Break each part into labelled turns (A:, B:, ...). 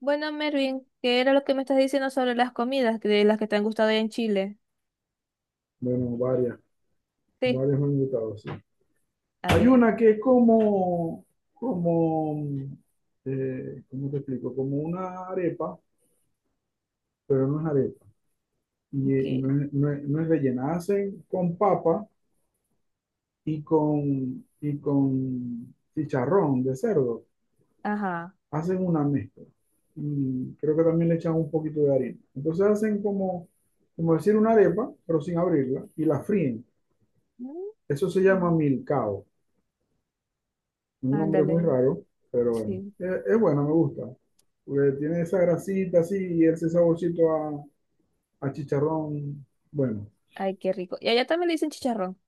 A: Bueno, Mervin, ¿qué era lo que me estás diciendo sobre las comidas de las que te han gustado allá en Chile?
B: Bueno, varias,
A: Sí,
B: varias me han gustado, sí.
A: a
B: Hay
A: ver,
B: una que es como, ¿cómo te explico? Como una arepa, pero no es arepa. Y
A: ok,
B: no es rellena. Hacen con papa y con chicharrón de cerdo.
A: ajá.
B: Hacen una mezcla. Y creo que también le echan un poquito de harina. Entonces hacen como decir una arepa, pero sin abrirla, y la fríen. Eso se llama
A: Mm.
B: milcao. Un nombre muy
A: Ándale,
B: raro, pero bueno.
A: sí.
B: Es bueno, me gusta. Porque tiene esa grasita así y ese saborcito a chicharrón. Bueno,
A: Ay, qué rico. Y allá también le dicen chicharrón.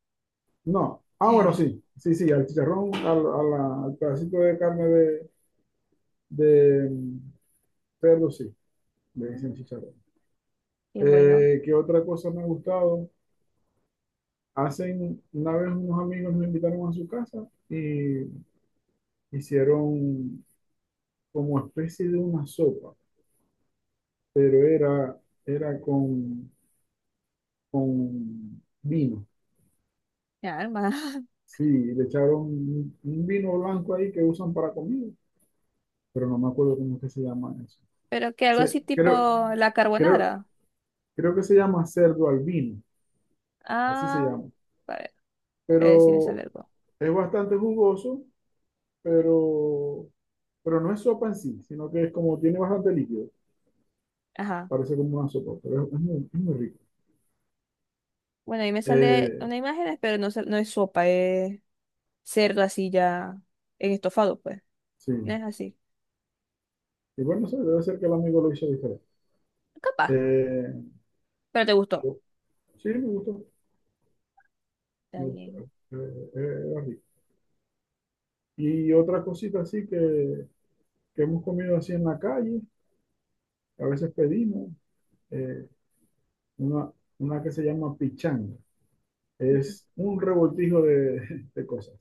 B: no. Ah, bueno, sí. Sí, sí, al chicharrón, al pedacito de carne de perro, sí. Le dicen
A: Mm.
B: chicharrón.
A: Qué bueno,
B: ¿Qué otra cosa me ha gustado? Hacen, una vez unos amigos me invitaron a su casa y hicieron como especie de una sopa, pero era con vino.
A: mi alma.
B: Sí, le echaron un vino blanco ahí que usan para comida, pero no me acuerdo cómo es que se llama eso.
A: Pero que algo
B: Se-
A: así tipo
B: creo,
A: la
B: creo,
A: carbonara.
B: creo que se llama cerdo al vino, así se
A: Ah,
B: llama.
A: a ver, a ver si me sale
B: Pero
A: algo.
B: es bastante jugoso, pero, pero no es sopa en sí, sino que es como tiene bastante líquido.
A: Ajá.
B: Parece como una sopa, pero es muy rico.
A: Bueno, ahí me sale
B: Eh,
A: una imagen, pero no, no es sopa, es cerdo así ya en estofado, pues.
B: sí.
A: No es así.
B: Y bueno, no sé, debe ser que el amigo lo hizo diferente.
A: Capaz,
B: Eh,
A: pero te gustó.
B: yo- sí, me gustó.
A: Está
B: Me gustó.
A: bien.
B: Era rico. Y otra cosita así que hemos comido así en la calle, a veces pedimos, eh, una, una que se llama pichanga. Es un revoltijo de cosas.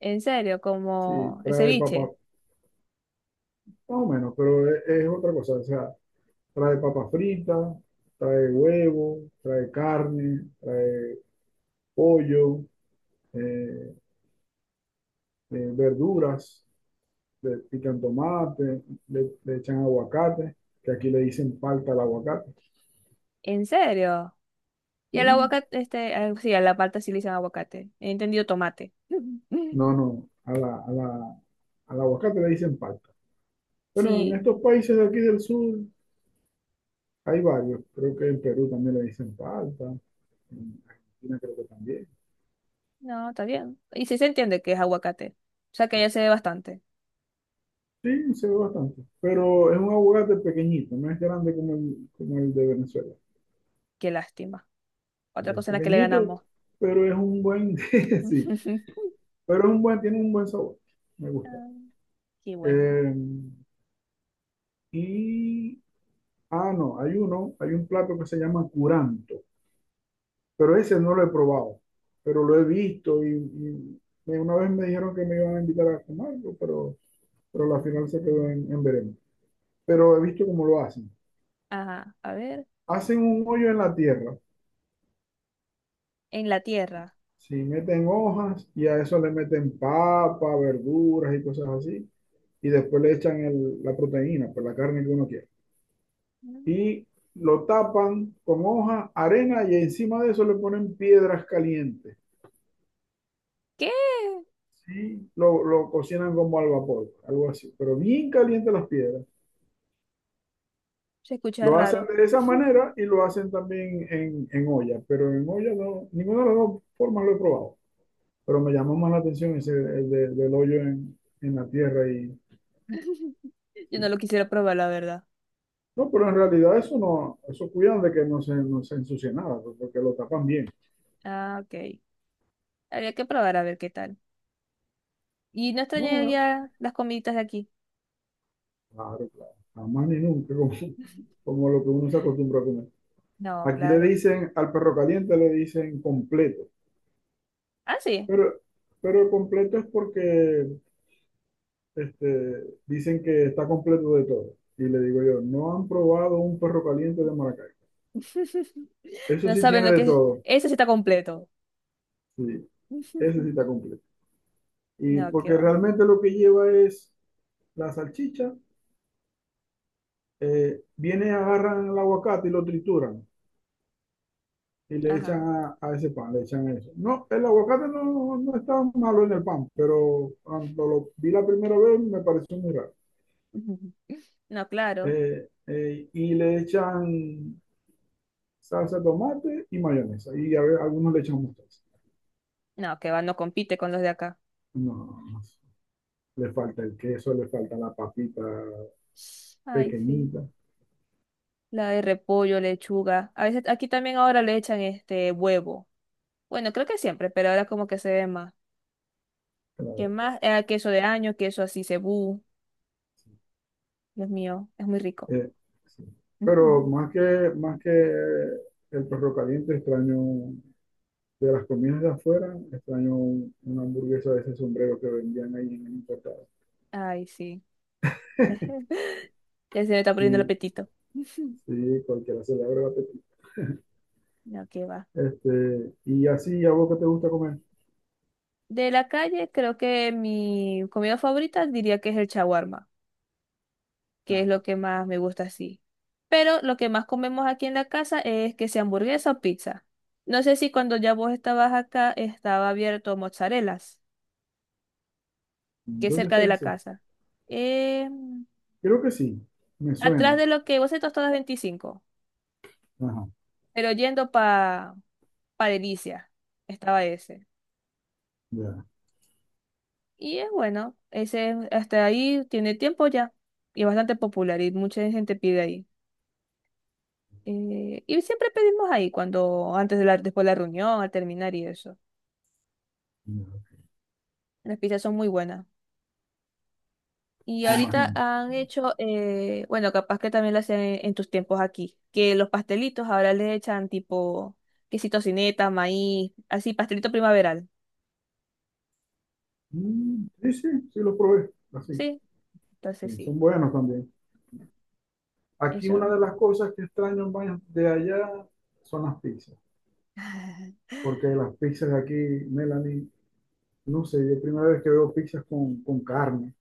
A: En serio,
B: Sí,
A: como el
B: trae papa, más
A: ceviche.
B: o menos, pero es otra cosa. O sea, trae papa frita, trae huevo, trae carne, trae pollo, eh, verduras, le pican tomate, le echan aguacate, que aquí le dicen palta al aguacate.
A: En serio. Y el
B: ¿Sí?
A: aguacate, este, ah, sí, a la palta sí le dicen aguacate. He entendido tomate.
B: No, no, al aguacate le dicen palta. Bueno, en
A: Sí,
B: estos países de aquí del sur hay varios. Creo que en Perú también le dicen palta, en Argentina creo que también.
A: no, está bien. Y sí se entiende que es aguacate. O sea que ya se ve bastante.
B: Sí, se ve bastante. Pero es un aguacate pequeñito, no es grande como el de Venezuela.
A: Qué lástima.
B: Sí,
A: Otra
B: es
A: cosa en la que le
B: pequeñito,
A: ganamos.
B: pero es un buen, sí, tiene un buen sabor. Me gusta.
A: Ah, qué bueno.
B: Eh, y, no, hay un plato que se llama curanto. Pero ese no lo he probado, pero lo he visto una vez me dijeron que me iban a invitar a comerlo, pero la final se quedó en veremos. Pero he visto cómo lo hacen.
A: Ajá, a ver.
B: Hacen un hoyo en la tierra,
A: En la tierra.
B: si meten hojas y a eso le meten papa, verduras y cosas así, y después le echan la proteína, pues la carne que uno quiere.
A: Mm.
B: Y lo tapan con hoja, arena y encima de eso le ponen piedras calientes.
A: ¿Qué?
B: Sí, lo cocinan como al vapor, algo así, pero bien caliente las piedras.
A: Se escucha
B: Lo hacen
A: raro.
B: de esa manera y lo hacen también en olla, pero en olla no, ninguna de las dos formas lo he probado. Pero me llamó más la atención ese del hoyo en la tierra y.
A: Yo no lo quisiera probar, la verdad.
B: No, pero en realidad eso no, eso cuidan de que no se ensucie nada, pues, porque lo tapan bien.
A: Ah, ok. Habría que probar a ver qué tal. ¿Y no
B: No,
A: extrañaría las comiditas de aquí?
B: claro, claro, jamás ni nunca, como lo que uno se acostumbra a comer.
A: No,
B: Aquí le
A: claro.
B: dicen, al perro caliente le dicen completo.
A: Ah, sí.
B: Pero, pero completo es porque dicen que está completo de todo. Y le digo yo, no han probado un perro caliente de Maracaibo. Eso
A: No
B: sí
A: saben
B: tiene
A: lo
B: de
A: que es.
B: todo.
A: Ese sí está completo.
B: Sí, ese sí está completo. Y
A: No, qué
B: porque
A: va.
B: realmente lo que lleva es la salchicha, viene, agarran el aguacate y lo trituran y le echan
A: Ajá.
B: a ese pan, le echan eso. No, el aguacate no está malo en el pan, pero cuando lo vi la primera vez me pareció muy raro.
A: No, claro.
B: Y le echan salsa de tomate y mayonesa. Y a ver, algunos le echamos mostaza.
A: No, qué va, no compite con los de acá.
B: No, no, no. Le falta el queso, le falta la papita
A: Ay, sí.
B: pequeñita.
A: La de repollo, lechuga. A veces aquí también ahora le echan este huevo. Bueno, creo que siempre, pero ahora como que se ve más. ¿Qué
B: Claro,
A: más? Queso de año, queso así, cebú.
B: sí.
A: Dios mío, es muy rico.
B: Eh, sí. Pero más que, más que el perro caliente, extraño de las comidas de afuera, extraño una hamburguesa de ese sombrero que vendían ahí en el importado.
A: Ay, sí. Ya se me está poniendo el
B: Sí,
A: apetito.
B: sí, cualquiera se le abre el apetito.
A: No, qué va.
B: Y así, ¿a vos qué te gusta comer?
A: De la calle, creo que mi comida favorita diría que es el shawarma, que
B: Ah,
A: es lo que más me gusta así. Pero lo que más comemos aquí en la casa es que sea hamburguesa o pizza. No sé si cuando ya vos estabas acá estaba abierto Mozzarelas, que es
B: ¿dónde
A: cerca de
B: está
A: la
B: ese?
A: casa. Eh,
B: Creo que sí, me
A: atrás
B: suena.
A: de lo que vos estás todas 25,
B: Ajá,
A: pero yendo pa, pa Delicia, estaba ese.
B: ya,
A: Y es bueno, ese hasta ahí tiene tiempo ya y es bastante popular y mucha gente pide ahí. Y siempre pedimos ahí cuando, antes de la, después de la reunión, al terminar y eso.
B: ya.
A: Las pizzas son muy buenas. Y
B: Me
A: ahorita
B: imagino.
A: han hecho, bueno, capaz que también lo hacen en tus tiempos aquí, que los pastelitos ahora le echan tipo quesito tocineta, maíz, así, pastelito primaveral.
B: Mm, sí, sí, sí los probé, así.
A: Sí, entonces
B: Sí,
A: sí,
B: son buenos también. Aquí una
A: eso.
B: de las cosas que extraño más de allá son las pizzas, porque las pizzas de aquí, Melanie, no sé, yo primera vez que veo pizzas con carne,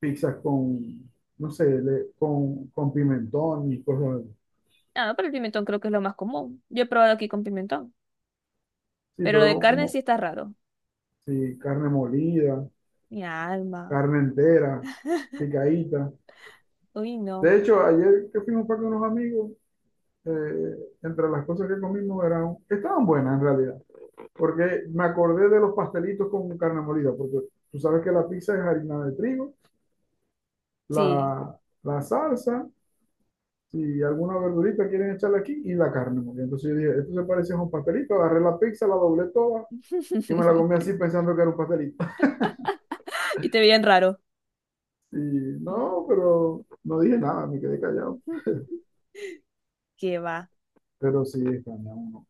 B: pizzas con, no sé, con pimentón y cosas así.
A: Ah, pero el pimentón creo que es lo más común. Yo he probado aquí con pimentón,
B: Sí,
A: pero lo de
B: pero
A: carne sí
B: como,
A: está raro.
B: sí, carne molida,
A: Mi alma.
B: carne entera, picadita.
A: Uy, no.
B: De hecho, ayer que fuimos para con unos amigos, eh, entre las cosas que comimos eran, estaban buenas en realidad, porque me acordé de los pastelitos con carne molida, porque tú sabes que la pizza es harina de trigo,
A: Sí.
B: la, la salsa, si alguna verdurita quieren echarle aquí, y la carne molida. Entonces yo dije, esto se parece a un pastelito, agarré la pizza, la doblé toda y me la comí así pensando que era un pastelito.
A: Y te veían raro.
B: Y no, pero no dije nada, me quedé callado.
A: ¿Qué va?
B: Pero sí, extraña uno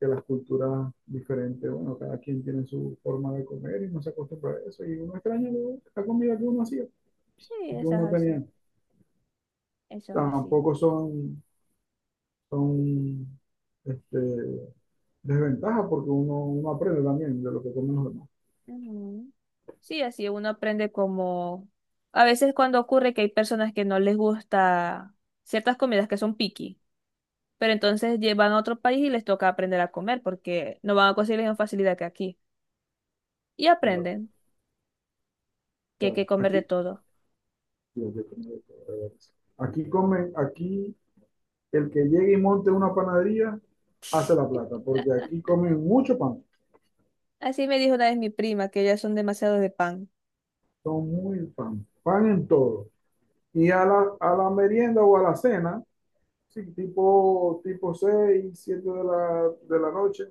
B: que las culturas diferentes, bueno, cada quien tiene su forma de comer y no se acostumbra a eso. Y uno extraña la comida que uno hacía,
A: Sí,
B: que
A: eso es
B: uno no tenía.
A: así. Eso es así.
B: Tampoco son este, desventajas porque uno aprende también de lo que comen los demás.
A: Ujú. Sí, así uno aprende como... A veces cuando ocurre que hay personas que no les gusta ciertas comidas que son picky, pero entonces llevan a otro país y les toca aprender a comer porque no van a conseguir la misma facilidad que aquí. Y
B: Claro,
A: aprenden que hay que
B: claro.
A: comer de
B: Aquí,
A: todo.
B: sí, aquí comen de todo eso. Aquí el que llegue y monte una panadería hace la plata, porque aquí comen mucho pan,
A: Así me dijo una vez mi prima, que ellas son demasiado de pan.
B: son muy pan, pan en todo. Y a la merienda o a la cena, sí, tipo 6, 7 de la noche,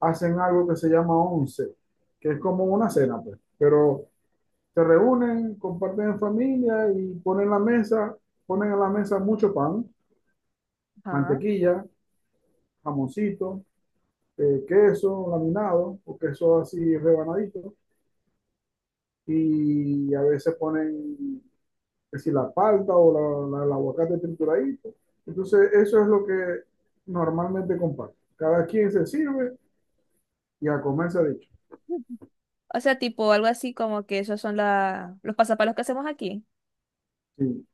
B: hacen algo que se llama 11, que es como una cena, pues. Pero se reúnen, comparten en familia y ponen la mesa, ponen en la mesa mucho pan,
A: Ajá.
B: mantequilla, jamoncito, queso laminado o queso así rebanadito y a veces ponen que si la palta o el aguacate trituradito. Entonces eso es lo que normalmente comparten. Cada quien se sirve y a comer se ha dicho.
A: O sea, tipo algo así como que esos son la... los pasapalos que hacemos aquí.
B: Sí.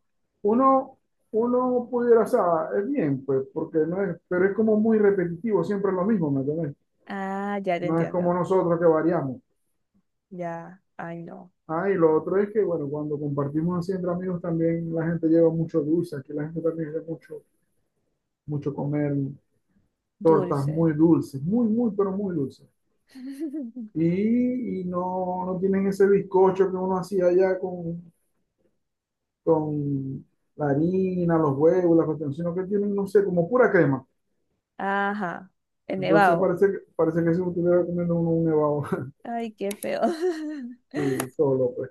B: Uno, uno pudiera, o sea, es bien, pues, porque no es, pero es como muy repetitivo, siempre es lo mismo, ¿me entiendes?
A: Ah, ya te
B: No es como
A: entiendo.
B: nosotros que variamos.
A: Ya, ay no,
B: Ah, y lo otro es que, bueno, cuando compartimos así entre amigos también la gente lleva mucho dulce, aquí la gente también lleva mucho, mucho comer tortas
A: dulce.
B: muy dulces, muy, muy, pero muy dulces. Y no tienen ese bizcocho que uno hacía allá con la harina, los huevos, la cuestión, sino que tienen, no sé, como pura crema.
A: Ajá, el
B: Entonces
A: nevado.
B: parece que si estuviera comiendo uno un nevado
A: Ay, qué feo.
B: y solo, pues.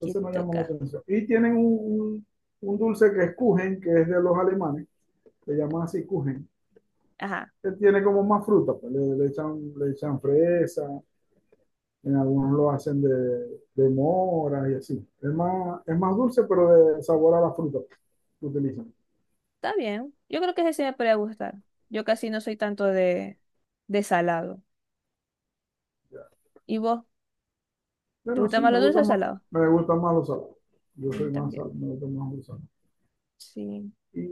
A: Qué
B: no llama la
A: toca.
B: atención. Y tienen un dulce que es Kuchen, que es de los alemanes, le llaman así Kuchen,
A: Ajá,
B: que tiene como más fruta, pues. Le echan fresa, en algunos lo hacen de mora y así. Es más dulce, pero de sabor a la fruta que utilizan.
A: está bien. Yo creo que ese sí me podría gustar. Yo casi no soy tanto de salado. ¿Y vos? ¿Te
B: Bueno,
A: gusta
B: sí,
A: más lo dulce o salado?
B: me gustan más los salados. Yo
A: A mí
B: soy más sal,
A: también.
B: me gustan más los salados.
A: Sí.
B: Y,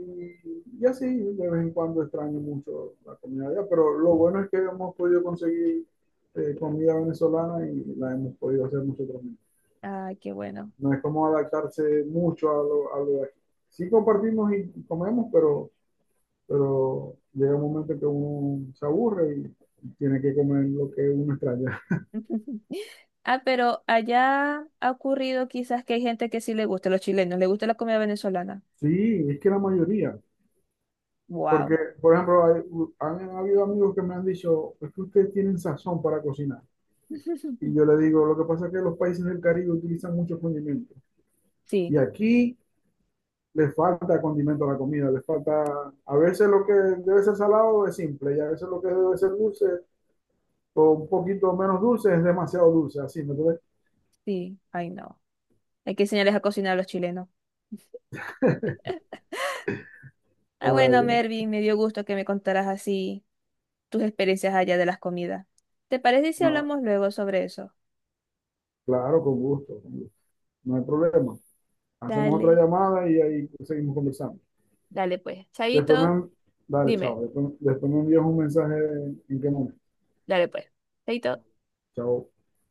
B: y así, de vez en cuando extraño mucho la comida allá, pero lo bueno es que hemos podido conseguir comida venezolana y la hemos podido hacer nosotros mismos.
A: Ay, qué bueno.
B: No es como adaptarse mucho a lo de aquí. Sí compartimos y comemos, pero llega un momento que uno se aburre y tiene que comer lo que uno extraña.
A: Ah, pero allá ha ocurrido quizás que hay gente que sí le gusta, los chilenos, le gusta la comida venezolana.
B: Sí, es que la mayoría. Porque,
A: Wow.
B: por ejemplo, han habido amigos que me han dicho, es que ustedes tienen sazón para cocinar. Y yo le digo, lo que pasa es que los países del Caribe utilizan muchos condimentos.
A: Sí,
B: Y aquí le falta condimento a la comida, le falta, a veces lo que debe ser salado es simple y a veces lo que debe ser dulce o un poquito menos dulce es demasiado dulce, así, ¿me entiendes?
A: sí, ay no. Hay que enseñarles a cocinar a los chilenos. Ah, bueno,
B: Ay,
A: Mervin, me dio gusto que me contaras así tus experiencias allá de las comidas. ¿Te parece si
B: no,
A: hablamos luego sobre eso?
B: claro, con gusto, no hay problema. Hacemos otra
A: Dale,
B: llamada y ahí seguimos conversando.
A: dale pues.
B: Después
A: Chaito,
B: me, dale,
A: dime,
B: chao, Después me envías un mensaje en qué momento.
A: dale pues. Chaito.
B: Chao.